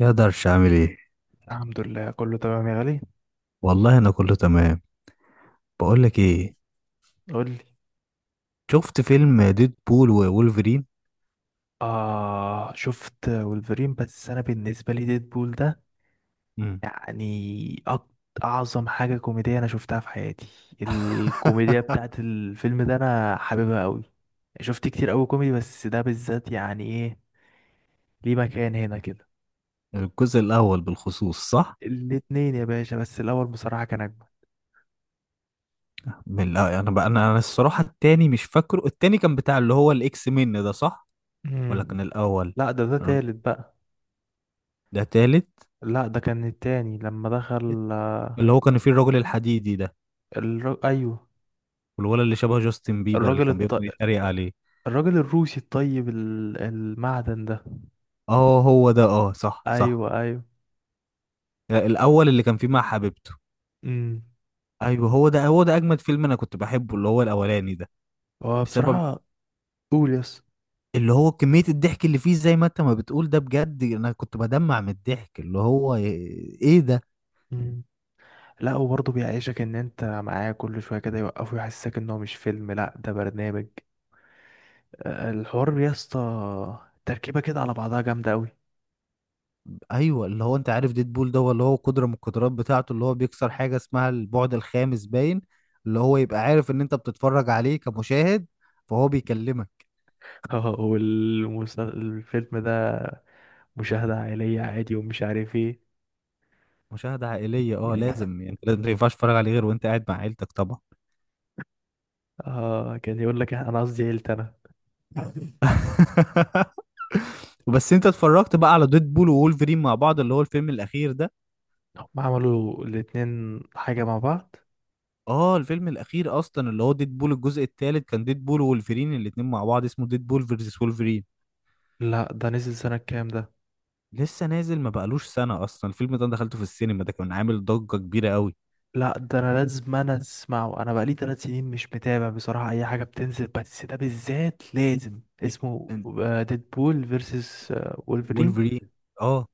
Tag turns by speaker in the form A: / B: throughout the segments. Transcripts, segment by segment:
A: يقدرش اعمل ايه.
B: الحمد لله، كله تمام يا غالي.
A: والله انا كله تمام. بقول لك ايه،
B: قول لي.
A: شفت فيلم ديد بول وولفرين.
B: آه، شفت ولفرين، بس أنا بالنسبة لي ديدبول ده
A: مم.
B: يعني أك- أعظم حاجة كوميدية أنا شفتها في حياتي. الكوميديا بتاعت الفيلم ده أنا حاببها أوي. شفت كتير أوي كوميدي، بس ده بالذات يعني إيه، ليه مكان هنا كده.
A: الجزء الاول بالخصوص صح.
B: الاتنين يا باشا، بس الأول بصراحة كان أجمل.
A: انا الصراحه التاني مش فاكره، التاني كان بتاع اللي هو الاكس من ده صح،
B: مم.
A: ولا كان الاول؟
B: لا، ده
A: أنا-
B: تالت بقى.
A: ده تالت،
B: لا، ده كان التاني لما دخل،
A: اللي هو كان فيه الراجل الحديدي ده،
B: أيوه.
A: والولد اللي شبه جاستن بيبر اللي
B: الراجل
A: كان بيفضل
B: الط...
A: يتريق عليه.
B: الراجل الروسي الطيب المعدن ده.
A: اه هو ده، اه صح صح.
B: ايوه ايوه.
A: لا، الاول اللي كان فيه مع حبيبته.
B: امم.
A: ايوه هو ده، هو ده اجمد فيلم انا كنت بحبه اللي هو الاولاني ده.
B: هو
A: بسبب
B: بصراحه. قول يس.
A: اللي هو كمية الضحك اللي فيه، زي ما انت ما بتقول ده، بجد انا كنت بدمع من الضحك اللي هو ايه ده.
B: امم. لا، وبرضه بيعيشك ان انت معاه، كل شويه كده يوقفه يحسسك ان هو مش فيلم، لا ده برنامج. آه، الحوار يا اسطى، تركيبه كده على بعضها جامده قوي.
A: ايوه، اللي هو انت عارف ديدبول ده هو اللي هو قدرة من القدرات بتاعته اللي هو بيكسر حاجة اسمها البعد الخامس باين، اللي هو يبقى عارف ان انت بتتفرج عليه كمشاهد، فهو بيكلمك.
B: والفيلم ده مشاهده عائليه عادي ومش عارف ايه.
A: مشاهدة عائلية اه لازم، يعني انت لازم، ما ينفعش تتفرج عليه غير وانت قاعد مع عيلتك طبعا.
B: اه، كان يقول لك إيه، انا قصدي عيلتي انا.
A: بس انت اتفرجت بقى على ديدبول وولفرين مع بعض اللي هو الفيلم الاخير ده؟
B: هم عملوا الاتنين حاجه مع بعض؟
A: اه الفيلم الاخير اصلا اللي هو ديد بول الجزء الثالث، كان ديد بول وولفرين الاتنين مع بعض، اسمه ديد بول فيرسس وولفرين.
B: لا ده نزل سنه كام ده؟
A: لسه نازل، ما بقالوش سنه اصلا. الفيلم ده أنا دخلته في السينما، ده كان عامل ضجه كبيره قوي.
B: لا ده انا لازم، انا اسمعه، انا بقالي 3 سنين مش متابع بصراحة اي حاجة بتنزل، بس ده بالذات لازم اسمه.
A: إن-
B: ديدبول فيرسس وولفرين.
A: وولفرين. اه.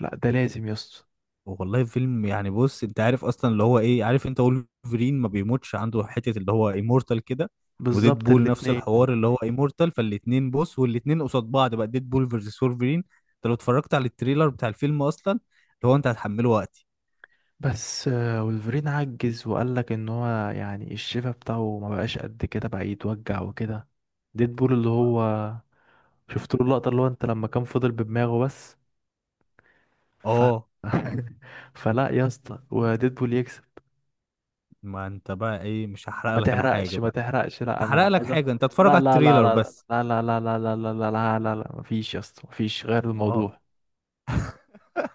B: لا ده لازم يا اسطى.
A: والله فيلم، يعني بص انت عارف اصلا اللي هو ايه، عارف انت وولفرين ما بيموتش، عنده حته اللي هو ايمورتال كده. وديد
B: بالظبط
A: بول نفس
B: الاتنين.
A: الحوار اللي هو ايمورتال، فالاتنين بص، والاتنين قصاد بعض بقى، ديد بول فيرسس وولفرين. انت لو اتفرجت على التريلر بتاع الفيلم اصلا اللي هو انت هتحمله وقتي.
B: بس آه، وولفرين عجز وقال لك ان هو يعني الشفا بتاعه ما بقاش قد كده بقى، يتوجع وكده. ديدبول اللي هو، شفت له اللقطة اللي هو انت لما كان فضل بدماغه بس. ف...
A: اه.
B: فلا يا اسطى، وديدبول يكسب.
A: ما انت بقى ايه، مش هحرق
B: ما
A: لك انا حاجه
B: تحرقش ما
A: بقى.
B: تحرقش،
A: مش
B: لا انا
A: هحرق
B: انا
A: لك
B: عايز
A: حاجه، انت اتفرج
B: لا
A: على
B: لا لا
A: التريلر
B: لا
A: بس.
B: لا لا لا لا لا لا لا لا لا لا، مفيش يا اسطى، مفيش غير
A: اه.
B: الموضوع.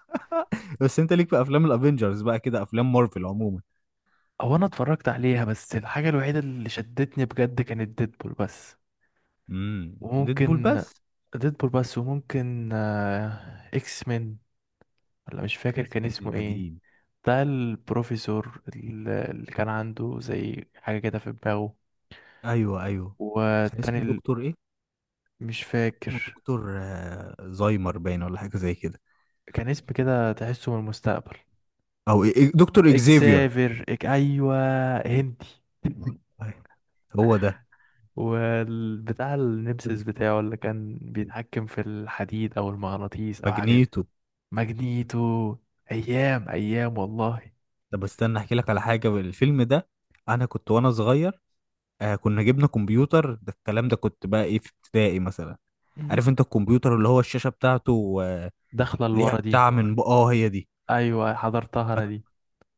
A: بس انت ليك في افلام الافينجرز بقى كده، افلام مارفل عموما؟
B: هو انا اتفرجت عليها، بس الحاجة الوحيدة اللي شدتني بجد كانت ديدبول بس.
A: امم، ديدبول
B: وممكن
A: بس.
B: ديدبول بس، وممكن آه، اكس مين، ولا مش فاكر
A: بس
B: كان
A: من
B: اسمه ايه.
A: القديم.
B: بتاع البروفيسور اللي كان عنده زي حاجة كده في دماغه.
A: ايوه ايوه. كان
B: والتاني
A: اسمه
B: ال-
A: دكتور ايه؟
B: مش
A: اسمه
B: فاكر،
A: دكتور زايمر باين ولا حاجه زي كده.
B: كان اسم كده تحسه من المستقبل.
A: او إيه- إيه، دكتور اكزيفير.
B: اكسافير، ايوه. هندي.
A: أيوة، هو ده.
B: والبتاع النمسيس بتاعه اللي كان بيتحكم في الحديد او المغناطيس او حاجه دي.
A: ماجنيتو.
B: ماجنيتو. ايام ايام والله.
A: طب استنى احكي لك على حاجه. الفيلم ده انا كنت وانا صغير، آه كنا جبنا كمبيوتر، ده الكلام ده كنت بقى ايه في ابتدائي مثلا. عارف انت الكمبيوتر اللي هو الشاشة بتاعته
B: داخله
A: ليها
B: لورا دي.
A: بتاع اه هي دي.
B: ايوه حضرتها انا
A: فك-
B: دي.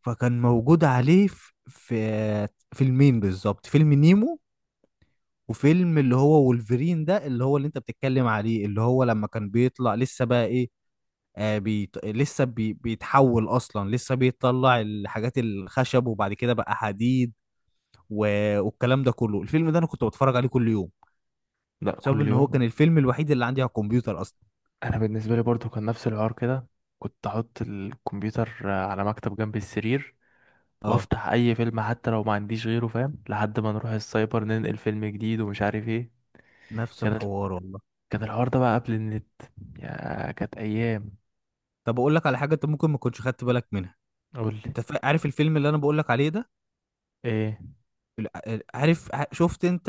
A: فكان موجود عليه في فيلمين بالظبط، فيلم نيمو وفيلم اللي هو وولفرين ده، اللي هو اللي انت بتتكلم عليه، اللي هو لما كان بيطلع لسه بقى ايه، آه بيتحول اصلا، لسه بيطلع الحاجات الخشب وبعد كده بقى حديد، و... والكلام ده كله. الفيلم ده انا كنت بتفرج عليه كل يوم،
B: لا،
A: بسبب
B: كل
A: ان هو
B: يوم.
A: كان الفيلم الوحيد اللي عندي على الكمبيوتر اصلا.
B: انا بالنسبه لي برضو كان نفس الحوار كده، كنت احط الكمبيوتر على مكتب جنب السرير،
A: اه
B: وافتح اي فيلم حتى لو ما عنديش غيره فاهم، لحد ما نروح السايبر ننقل فيلم جديد ومش عارف ايه.
A: نفس
B: كان
A: الحوار والله.
B: كان الحوار ده بقى قبل النت. يا كانت ايام.
A: طب اقول لك على حاجه انت ممكن ما كنتش خدت بالك منها.
B: قول لي.
A: انت عارف الفيلم اللي انا بقول لك عليه ده،
B: ايه
A: شفت انت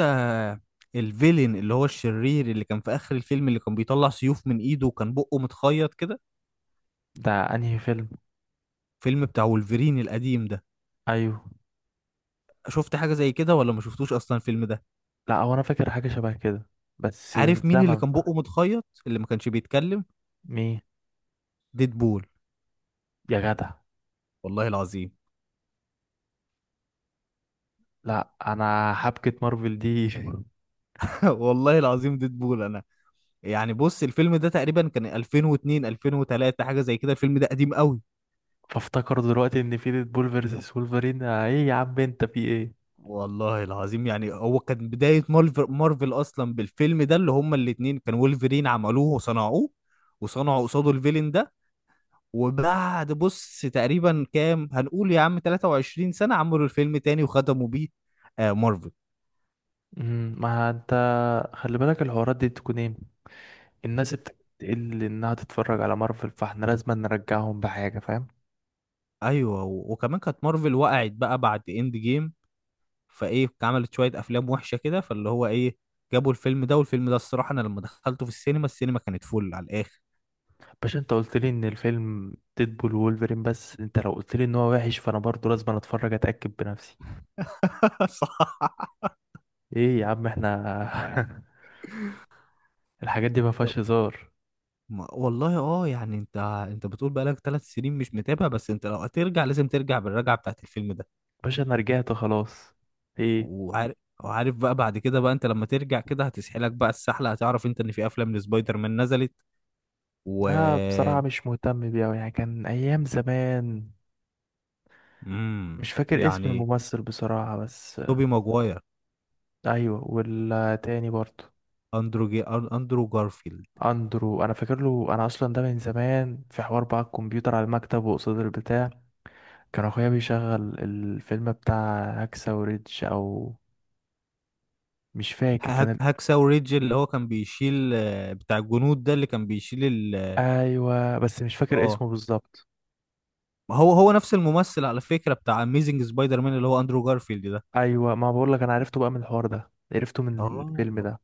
A: الفيلن اللي هو الشرير اللي كان في اخر الفيلم اللي كان بيطلع سيوف من ايده وكان بقه متخيط كده،
B: ده، انهي فيلم؟
A: فيلم بتاع وولفرين القديم ده؟
B: ايوه.
A: شفت حاجه زي كده ولا ما شفتوش اصلا الفيلم ده؟
B: لا، هو انا فاكر حاجه شبه كده، بس من
A: عارف مين اللي
B: زمن
A: كان بقه
B: بقى.
A: متخيط اللي ما كانش بيتكلم؟
B: مين؟
A: ديدبول.
B: يا جدع،
A: والله العظيم.
B: لا انا حبكه مارفل دي.
A: والله العظيم ديدبول انا. يعني بص الفيلم ده تقريبا كان 2002 2003 حاجه زي كده، الفيلم ده قديم قوي.
B: فافتكر دلوقتي ان في ديدبول فيرسس وولفرين، ايه يا عم انت في ايه؟
A: والله العظيم يعني هو كان بداية مارفل، مارفل أصلا بالفيلم ده اللي هما الاتنين، كان وولفرين عملوه وصنعوه، وصنعوا قصاده الفيلن ده. وبعد بص تقريبا كام هنقول يا عم، 23 سنة، عملوا الفيلم تاني وختموا بيه آه مارفل.
B: مم، ما انت خلي بالك الحوارات دي تكون ايه، الناس بتقل انها تتفرج على مارفل، فاحنا لازم نرجعهم بحاجه فاهم.
A: أيوه، وكمان كانت مارفل وقعت بقى بعد إند جيم، فإيه عملت شوية أفلام وحشة كده، فاللي هو إيه جابوا الفيلم ده. والفيلم ده الصراحة أنا لما دخلته في السينما، السينما كانت فل على الآخر.
B: باش، انت قلت لي ان الفيلم ديدبول وولفرين، بس انت لو قلت لي ان هو وحش فانا برضو لازم أنا اتفرج اتاكد بنفسي.
A: صح.
B: ايه يا عم احنا. الحاجات دي ما فيهاش هزار.
A: والله اه، يعني انت، انت بتقول بقالك 3 سنين مش متابع، بس انت لو هترجع لازم ترجع بالرجعه بتاعت الفيلم ده.
B: باشا انا رجعت خلاص. ايه.
A: وعارف، وعارف بقى بعد كده بقى انت لما ترجع كده هتسحلك بقى السحله، هتعرف انت ان في افلام لسبايدر مان نزلت و...
B: اه، بصراحه مش مهتم بيه أوي، يعني كان ايام زمان. مش فاكر اسم
A: يعني،
B: الممثل بصراحه بس.
A: توبي ماجواير.
B: ايوه، والتاني برضو.
A: اندرو جارفيلد.
B: اندرو، انا فاكر له، انا اصلا ده من زمان، في حوار بقى الكمبيوتر على المكتب وقصاد البتاع، كان اخويا بيشغل الفيلم بتاع هاكسا وريدج، او مش فاكر كان
A: هاكساو ريدج اللي هو كان بيشيل بتاع الجنود ده، اللي كان بيشيل
B: ايوه، بس مش فاكر
A: اه.
B: اسمه بالظبط.
A: ما هو هو نفس الممثل على فكره، بتاع اميزنج سبايدر مان، اللي هو اندرو جارفيلد ده.
B: ايوه، ما بقول لك انا عرفته بقى من الحوار ده، عرفته من الفيلم
A: اه
B: ده.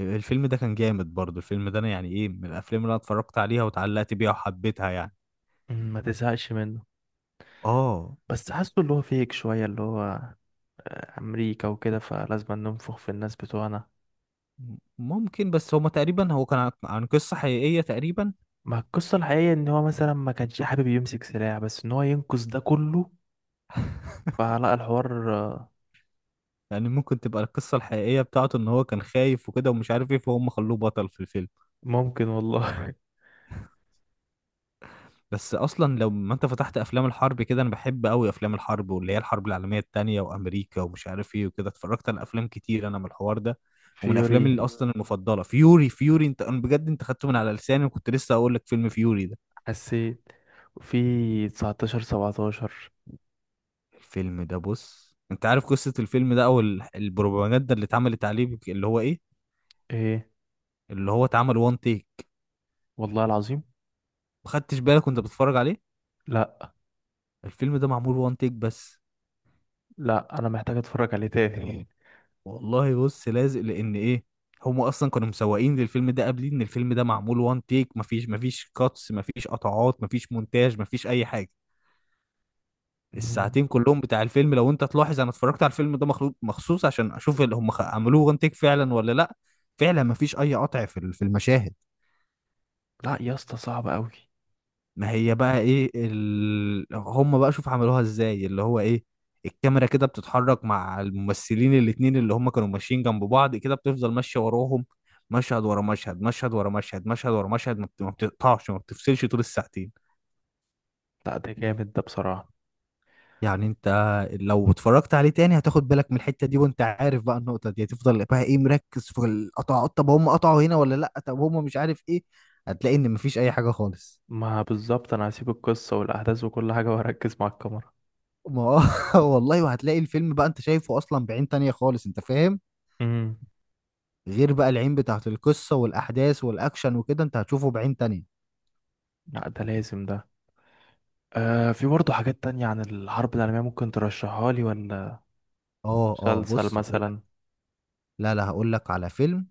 A: الفيلم ده كان جامد برضه. الفيلم ده انا يعني ايه، من الافلام اللي انا اتفرجت عليها واتعلقت بيها وحبيتها يعني.
B: مم، ما تزهقش منه.
A: اه.
B: بس حاسه اللي هو فيك شويه، اللي هو امريكا وكده، فلازم ننفخ في الناس بتوعنا.
A: ممكن، بس هما تقريبا هو كان عن عن قصة حقيقية تقريبا.
B: ما القصه الحقيقيه ان هو مثلا ما كانش حابب يمسك سلاح، بس ان هو ينقذ ده كله. فلا، الحوار آه،
A: يعني ممكن تبقى القصة الحقيقية بتاعته ان هو كان خايف وكده ومش عارف ايه، فهم خلوه بطل في الفيلم.
B: ممكن والله.
A: بس اصلا لو ما انت فتحت افلام الحرب كده، انا بحب قوي افلام الحرب واللي هي الحرب العالمية التانية وامريكا ومش عارف ايه وكده. اتفرجت على افلام كتير انا من الحوار ده، ومن افلامي
B: فيوري،
A: اللي اصلا المفضلة فيوري. فيوري انت انا بجد انت خدته من على لساني، وكنت لسه اقول لك فيلم فيوري ده.
B: حسيت. في 1917.
A: الفيلم ده بص انت عارف قصة الفيلم ده او البروباجندا اللي اتعملت عليه اللي هو ايه،
B: ايه.
A: اللي هو اتعمل وان تيك.
B: والله العظيم.
A: ما خدتش بالك وانت بتتفرج عليه؟
B: لا،
A: الفيلم ده معمول وان تيك بس.
B: لا انا محتاج اتفرج عليه تاني.
A: والله بص لازق لان ايه، هم اصلا كانوا مسوقين للفيلم ده قبلين ان الفيلم ده معمول وان تيك، مفيش كاتس، مفيش قطعات، مفيش مونتاج، مفيش اي حاجة.
B: مم.
A: الساعتين كلهم بتاع الفيلم لو انت تلاحظ، انا اتفرجت على الفيلم ده مخلوق مخصوص عشان اشوف اللي هم عملوه وان تيك فعلا ولا لا. فعلا مفيش اي قطع في في المشاهد.
B: لا يا اسطى صعب قوي.
A: ما هي بقى ايه هم بقى شوف عملوها ازاي اللي هو ايه، الكاميرا كده بتتحرك مع الممثلين الاتنين اللي هم كانوا ماشيين جنب بعض كده، بتفضل ماشية وراهم مشهد ورا مشهد، مشهد ورا مشهد، مشهد ورا مشهد، ما بتقطعش، ما بتفصلش طول الساعتين.
B: لا ده جامد ده بصراحة.
A: يعني انت لو اتفرجت عليه تاني هتاخد بالك من الحتة دي، وانت عارف بقى النقطة دي هتفضل بقى ايه مركز في القطع، طب هم قطعوا هنا ولا لا، طب هم مش عارف ايه، هتلاقي ان مفيش اي حاجة خالص.
B: ما بالظبط، انا هسيب القصة والاحداث وكل حاجة واركز مع الكاميرا.
A: ما هو- والله وهتلاقي الفيلم بقى انت شايفه اصلا بعين تانية خالص، انت فاهم،
B: امم.
A: غير بقى العين بتاعت القصة والاحداث والاكشن وكده، انت هتشوفه بعين تانية.
B: لا ده لازم ده. آه، في برضه حاجات تانية عن الحرب العالمية ممكن ترشحها لي ولا؟
A: اه اه
B: مسلسل
A: بص هقول لك.
B: مثلا.
A: لا لا هقول لك على فيلم،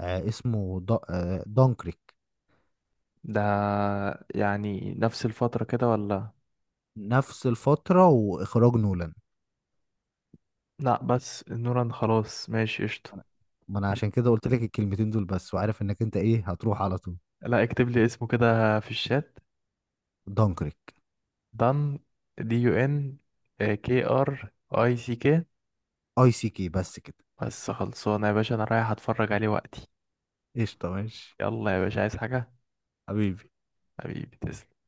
A: آه اسمه دا آه دانكريك.
B: ده يعني نفس الفترة كده ولا؟
A: نفس الفترة واخراج نولان.
B: لا، بس نوران خلاص، ماشي قشطة.
A: أنا- ما انا عشان كده قلت لك الكلمتين دول بس، وعارف انك انت ايه هتروح على طول.
B: لا، اكتب لي اسمه كده في الشات.
A: دانكريك.
B: دان. DUN. KR. ECK.
A: اي سي كي بس كده.
B: بس خلصانه يا باشا، انا رايح اتفرج عليه وقتي.
A: قشطة ماشي.
B: يلا يا باشا، عايز حاجه؟
A: حبيبي.
B: حبيبي. تسلم.